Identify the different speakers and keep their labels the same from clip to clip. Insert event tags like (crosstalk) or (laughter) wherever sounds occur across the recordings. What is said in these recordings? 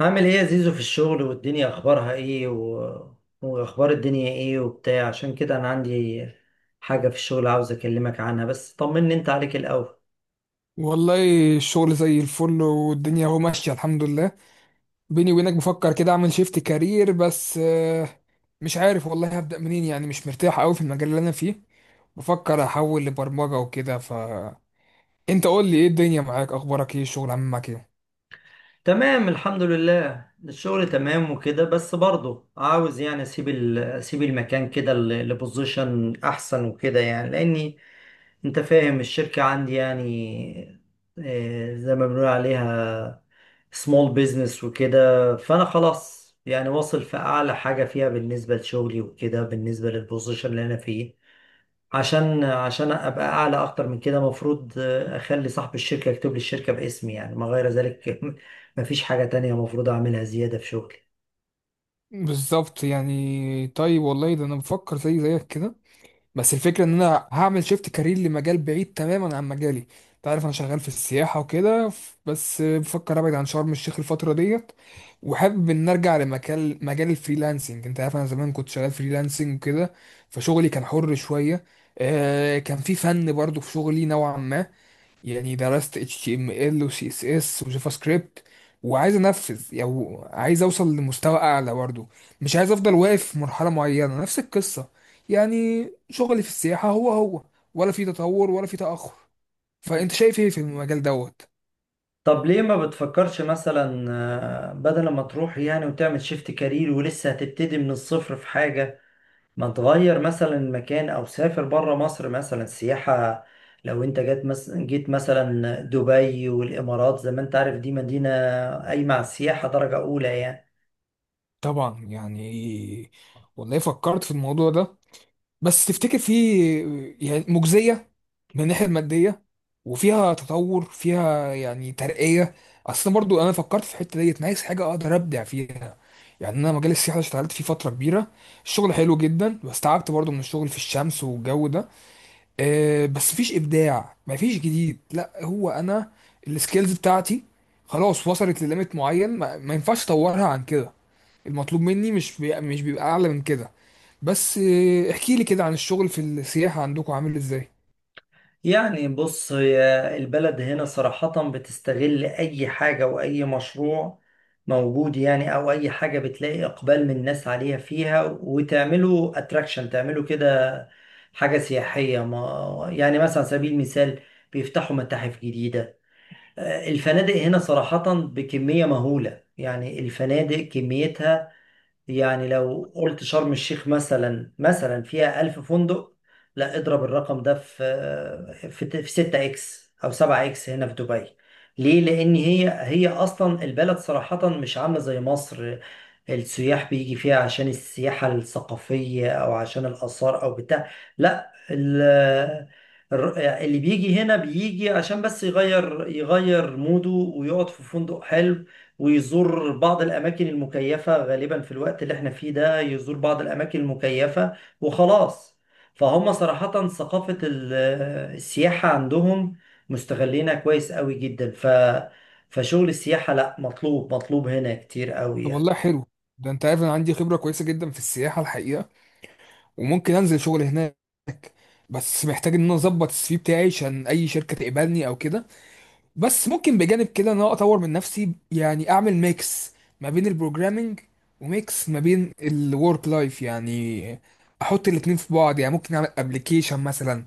Speaker 1: عامل ايه يا زيزو في الشغل؟ والدنيا اخبارها ايه، واخبار الدنيا ايه وبتاع؟ عشان كده انا عندي حاجة في الشغل عاوز اكلمك عنها، بس طمني انت عليك الاول.
Speaker 2: والله الشغل زي الفل والدنيا اهو ماشية الحمد لله. بيني وبينك بفكر كده اعمل شيفت كارير، بس مش عارف والله هبدأ منين، يعني مش مرتاح قوي في المجال اللي انا فيه. بفكر احول لبرمجة وكده. انت قول لي ايه الدنيا معاك، اخبارك ايه، الشغل عامل معاك ايه؟
Speaker 1: تمام، الحمد لله، الشغل تمام وكده، بس برضه عاوز يعني اسيب المكان كده لبوزيشن احسن وكده يعني، لاني انت فاهم الشركة عندي يعني زي ما بنقول عليها سمول بيزنس وكده. فانا خلاص يعني واصل في اعلى حاجه فيها بالنسبه لشغلي وكده، بالنسبه للبوزيشن اللي انا فيه، عشان ابقى اعلى اكتر من كده، المفروض اخلي صاحب الشركه يكتب لي الشركه باسمي يعني، ما غير ذلك. (laughs) مفيش حاجه تانية المفروض اعملها زياده في شغلي.
Speaker 2: بالظبط يعني. طيب والله ده انا بفكر زي زيك كده، بس الفكرة ان انا هعمل شيفت كارير لمجال بعيد تماما عن مجالي. انت عارف انا شغال في السياحة وكده، بس بفكر ابعد عن شرم الشيخ الفترة ديت، وحابب ان ارجع لمجال مجال الفريلانسنج. انت عارف انا زمان كنت شغال فريلانسنج وكده، فشغلي كان حر شوية. كان في فن برضو في شغلي نوعا ما. يعني درست HTML و CSS وجافا سكريبت، وعايز انفذ، يعني عايز اوصل لمستوى اعلى برضه. مش عايز افضل واقف في مرحلة معينة، نفس القصة. يعني شغلي في السياحة هو هو، ولا في تطور ولا في تأخر. فانت شايف ايه في المجال دوت؟
Speaker 1: طب ليه ما بتفكرش مثلا بدل ما تروح يعني وتعمل شيفت كارير ولسه هتبتدي من الصفر في حاجه؟ ما انت غير مثلا مكان، او سافر بره مصر مثلا سياحة. لو انت جيت مثلا دبي والامارات، زي ما انت عارف دي مدينة قايمة على السياحة درجة اولى يعني.
Speaker 2: طبعا يعني. والله فكرت في الموضوع ده، بس تفتكر في، يعني مجزية من الناحية المادية، وفيها تطور، فيها يعني ترقية؟ أصل برضو أنا فكرت في الحتة ديت، أنا عايز حاجة أقدر أبدع فيها. يعني أنا مجال السياحة اللي اشتغلت فيه فترة كبيرة، الشغل حلو جدا، بس تعبت برضو من الشغل في الشمس والجو ده. أه بس مفيش إبداع، مفيش جديد. لا هو أنا السكيلز بتاعتي خلاص وصلت لليميت معين، ما ينفعش أطورها عن كده. المطلوب مني مش مش بيبقى اعلى من كده. بس احكي لي كده عن الشغل في السياحة عندكم عامل ازاي؟
Speaker 1: يعني بص، هي البلد هنا صراحة بتستغل اي حاجة واي مشروع موجود يعني، او اي حاجة بتلاقي اقبال من الناس عليها فيها، وتعمله اتراكشن، تعمله كده حاجة سياحية ما، يعني مثلا على سبيل المثال بيفتحوا متاحف جديدة. الفنادق هنا صراحة بكمية مهولة، يعني الفنادق كميتها، يعني لو قلت شرم الشيخ مثلا فيها 1000 فندق، لا اضرب الرقم ده في، في 6 اكس أو 7 اكس هنا في دبي. ليه؟ لأن هي هي أصلا البلد صراحة مش عاملة زي مصر، السياح بيجي فيها عشان السياحة الثقافية أو عشان الآثار أو بتاع. لا، اللي بيجي هنا بيجي عشان بس يغير يغير موده ويقعد في فندق حلو، ويزور بعض الأماكن المكيفة غالبا في الوقت اللي احنا فيه ده، يزور بعض الأماكن المكيفة وخلاص. فهم صراحة ثقافة السياحة عندهم، مستغلينها كويس قوي جدا، فشغل السياحة لا، مطلوب مطلوب هنا كتير
Speaker 2: طب
Speaker 1: قوي.
Speaker 2: والله حلو. ده انت عارف انا عندي خبرة كويسة جدا في السياحة الحقيقة، وممكن انزل شغل هناك، بس محتاج ان انا اظبط السي في بتاعي عشان اي شركة تقبلني او كده. بس ممكن بجانب كده ان انا اطور من نفسي، يعني اعمل ميكس ما بين البروجرامينج، وميكس ما بين الورك لايف، يعني احط الاتنين في بعض، يعني ممكن اعمل ابلكيشن مثلا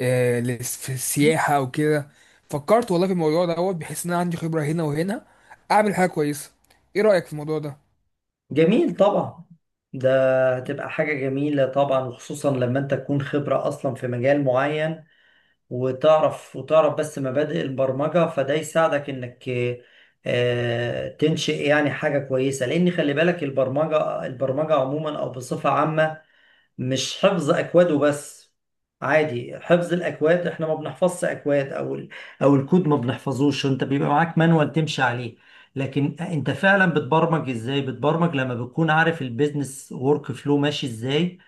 Speaker 2: في السياحة او كده. فكرت والله في الموضوع دوت، بحيث ان انا عندي خبرة هنا وهنا اعمل حاجة كويسة. ايه رأيك في الموضوع ده؟
Speaker 1: جميل طبعا، ده هتبقى حاجة جميلة طبعا، وخصوصا لما انت تكون خبرة اصلا في مجال معين، وتعرف، وتعرف بس مبادئ البرمجة، فده يساعدك انك تنشئ يعني حاجة كويسة، لان خلي بالك البرمجة، البرمجة عموما او بصفة عامة، مش حفظ اكواده بس، عادي حفظ الاكواد احنا ما بنحفظش اكواد، او او الكود ما بنحفظوش، انت بيبقى معاك مانوال تمشي عليه. لكن انت فعلا بتبرمج ازاي؟ بتبرمج لما بتكون عارف البيزنس ورك فلو ماشي ازاي،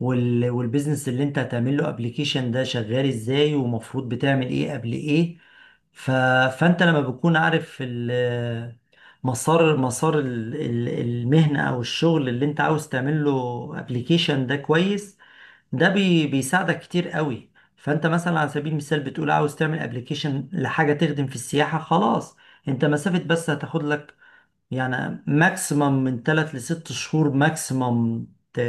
Speaker 1: والبيزنس اللي انت هتعمل له ابلكيشن ده شغال ازاي، ومفروض بتعمل ايه قبل ايه. ف... فانت لما بتكون عارف مسار، مسار المهنة او الشغل اللي انت عاوز تعمل له ابلكيشن ده كويس، ده بيساعدك كتير قوي. فانت مثلا على سبيل المثال بتقول عاوز تعمل ابلكيشن لحاجة تخدم في السياحة، خلاص انت مسافة بس هتاخد لك، يعني ماكسيمم من 3 ل 6 شهور ماكسيمم ت...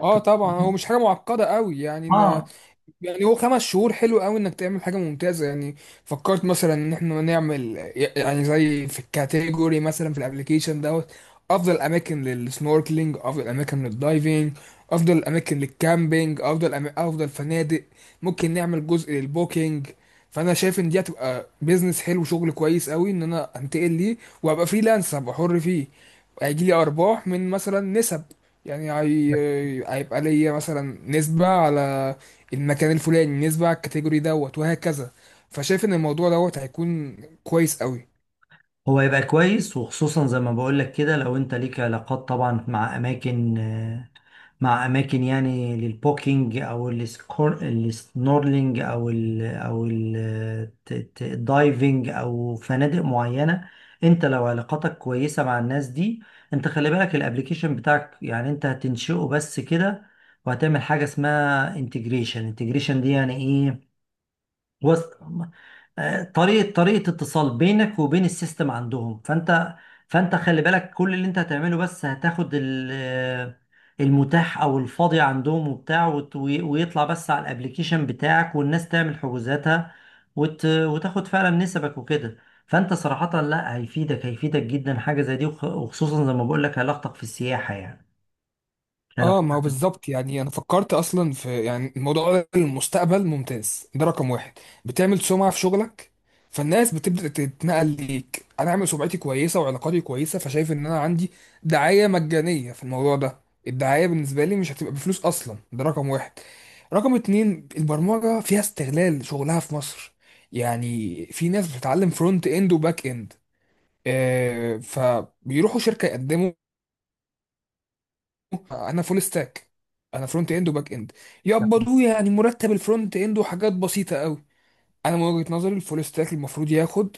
Speaker 2: اه طبعا، هو مش حاجة معقدة قوي يعني.
Speaker 1: اه.
Speaker 2: يعني هو 5 شهور حلو قوي انك تعمل حاجه ممتازه يعني. فكرت مثلا ان احنا نعمل، يعني زي في الكاتيجوري مثلا في الابليكيشن دوت: افضل اماكن للسنوركلينج، افضل اماكن للدايفنج، افضل اماكن للكامبينج، افضل افضل فنادق. ممكن نعمل جزء للبوكينج. فانا شايف ان دي هتبقى بيزنس حلو، شغل كويس قوي ان انا انتقل ليه وابقى فريلانس، هبقى حر فيه. هيجي لي ارباح من مثلا نسب، يعني هيبقى ليا مثلا نسبه على المكان الفلاني، نسبة على الكاتيجوري دوت، وهكذا. فشايف ان الموضوع دوت هيكون كويس قوي.
Speaker 1: هو يبقى كويس، وخصوصا زي ما بقول لك كده، لو انت ليك علاقات طبعا مع اماكن، يعني للبوكينج، او السنورلينج، او الدايفنج، او فنادق معينه. انت لو علاقاتك كويسه مع الناس دي، انت خلي بالك الابليكيشن بتاعك، يعني انت هتنشئه بس كده، وهتعمل حاجه اسمها انتجريشن. انتجريشن دي يعني ايه؟ وصل، طريقة، طريقة اتصال بينك وبين السيستم عندهم. فانت، خلي بالك كل اللي انت هتعمله بس، هتاخد المتاح او الفاضي عندهم وبتاع، ويطلع بس على الابليكيشن بتاعك والناس تعمل حجوزاتها، وتاخد فعلا نسبك وكده. فانت صراحة لا، هيفيدك، هيفيدك جدا حاجة زي دي، وخصوصا زي ما بقول لك علاقتك في السياحة يعني،
Speaker 2: اه
Speaker 1: علاقتك.
Speaker 2: ما هو بالظبط يعني. انا فكرت اصلا في، يعني الموضوع ده المستقبل ممتاز. ده رقم واحد: بتعمل سمعة في شغلك، فالناس بتبدأ تتنقل ليك. انا عامل سمعتي كويسة وعلاقاتي كويسة، فشايف ان انا عندي دعاية مجانية في الموضوع ده. الدعاية بالنسبة لي مش هتبقى بفلوس اصلا، ده رقم واحد. رقم اتنين: البرمجة فيها استغلال شغلها في مصر. يعني في ناس بتتعلم فرونت اند وباك اند، فبيروحوا شركة يقدموا انا فول ستاك، انا فرونت اند وباك اند، يقبضوه يعني مرتب الفرونت اند وحاجات بسيطه قوي. انا من وجهه نظري الفول ستاك المفروض ياخد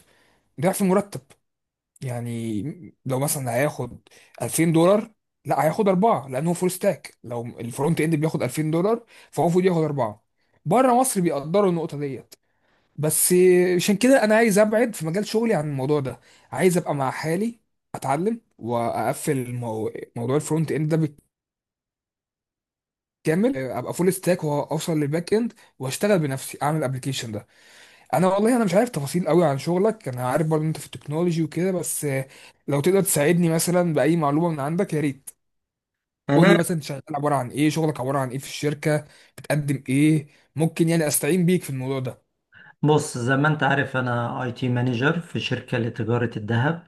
Speaker 2: ضعف مرتب يعني. لو مثلا هياخد 2000 دولار، لا هياخد أربعة، لأن هو فول ستاك. لو الفرونت إند بياخد 2000 دولار، فهو المفروض ياخد أربعة. بره مصر بيقدروا النقطة ديت. بس عشان كده أنا عايز أبعد في مجال شغلي عن الموضوع ده. عايز أبقى مع حالي، أتعلم وأقفل موضوع الفرونت إند ده كامل، ابقى فول ستاك واوصل للباك اند، واشتغل بنفسي اعمل الابلكيشن ده. انا والله انا مش عارف تفاصيل قوي عن شغلك. انا عارف برضه انت في التكنولوجي وكده، بس لو تقدر تساعدني مثلا باي معلومه من عندك يا ريت. قول لي
Speaker 1: انا
Speaker 2: مثلا أنت شغال عباره عن ايه، شغلك عباره عن ايه في الشركه، بتقدم ايه؟ ممكن يعني استعين بيك في الموضوع ده.
Speaker 1: بص، زي ما انت عارف انا اي تي مانجر في شركة لتجارة الذهب،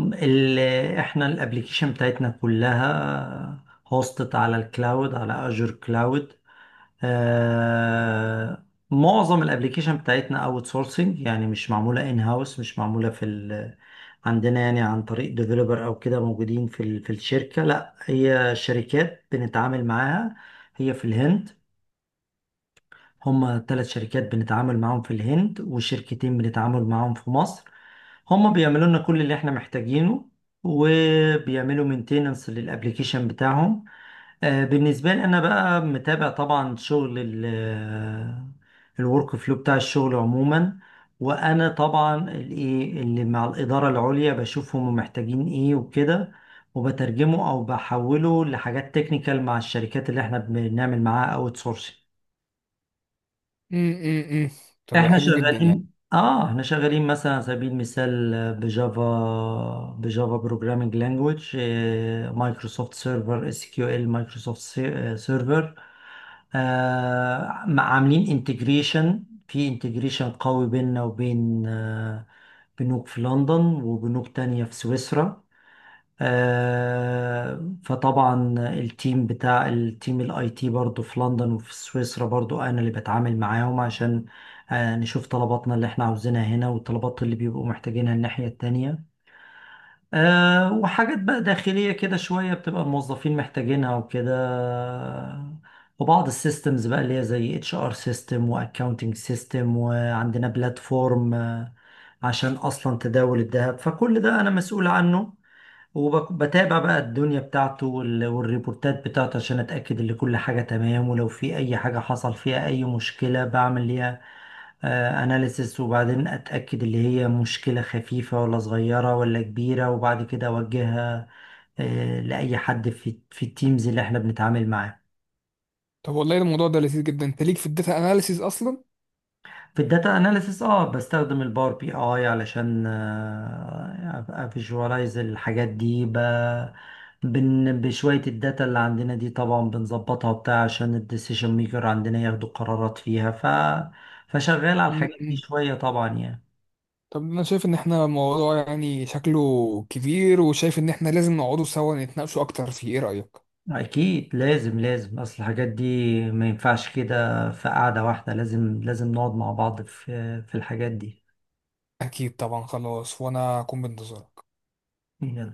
Speaker 1: اللي احنا الابليكيشن بتاعتنا كلها هوستت على الكلاود، على اجور كلاود. آه معظم الابليكيشن بتاعتنا اوت سورسنج، يعني مش معمولة ان هاوس، مش معمولة في عندنا يعني عن طريق ديفلوبر او كده موجودين في في الشركة. لا، هي شركات بنتعامل معاها، هي في الهند. هما 3 شركات بنتعامل معاهم في الهند، وشركتين بنتعامل معاهم في مصر، هما بيعملوا لنا كل اللي احنا محتاجينه وبيعملوا مينتيننس للابليكيشن بتاعهم. بالنسبة لي انا بقى متابع طبعا شغل الورك فلو بتاع الشغل عموما، وانا طبعا الايه اللي مع الإدارة العليا، بشوف هما محتاجين ايه وكده، وبترجمه او بحوله لحاجات تكنيكال مع الشركات اللي احنا بنعمل معاها اوت سورسنج.
Speaker 2: امم طب ده
Speaker 1: احنا
Speaker 2: حلو جدا يعني.
Speaker 1: شغالين، مثلا على سبيل المثال بجافا، بجافا بروجرامينج لانجويج، مايكروسوفت سيرفر اس كيو ال مايكروسوفت سيرفر. عاملين انتجريشن، في انتجريشن قوي بيننا وبين بنوك في لندن وبنوك تانية في سويسرا. فطبعا التيم الاي تي برضو في لندن وفي سويسرا برضو، انا اللي بتعامل معاهم عشان نشوف طلباتنا اللي احنا عاوزينها هنا، والطلبات اللي بيبقوا محتاجينها الناحية التانية، وحاجات بقى داخلية كده شوية بتبقى الموظفين محتاجينها وكده، وبعض السيستمز بقى اللي هي زي اتش ار سيستم واكاونتنج سيستم، وعندنا بلاتفورم عشان اصلا تداول الذهب، فكل ده انا مسؤول عنه، وبتابع بقى الدنيا بتاعته والريبورتات بتاعته عشان اتاكد ان كل حاجه تمام، ولو في اي حاجه حصل فيها اي مشكله بعمل ليها اناليسس، وبعدين اتاكد اللي هي مشكله خفيفه ولا صغيره ولا كبيره، وبعد كده اوجهها لاي حد في التيمز اللي احنا بنتعامل معاه.
Speaker 2: طب والله الموضوع ده لذيذ جدا. انت ليك في الداتا اناليسيز
Speaker 1: في الداتا اناليسيس بستخدم الباور بي اي علشان افيجواليز الحاجات دي، بشوية الداتا اللي عندنا دي، طبعا بنظبطها بتاع عشان الديسيشن ميكر عندنا ياخدوا قرارات فيها، فشغال على الحاجات دي
Speaker 2: اصلا؟
Speaker 1: شوية طبعا يعني.
Speaker 2: طب انا شايف ان احنا موضوع يعني شكله كبير، وشايف ان احنا لازم نقعدوا سوا نتناقشوا اكتر فيه. ايه رأيك؟
Speaker 1: اكيد لازم، لازم اصل الحاجات دي ما ينفعش كده في قعدة واحدة، لازم لازم نقعد مع بعض في الحاجات
Speaker 2: اكيد طبعا، خلاص وانا اكون بانتظارك.
Speaker 1: دي.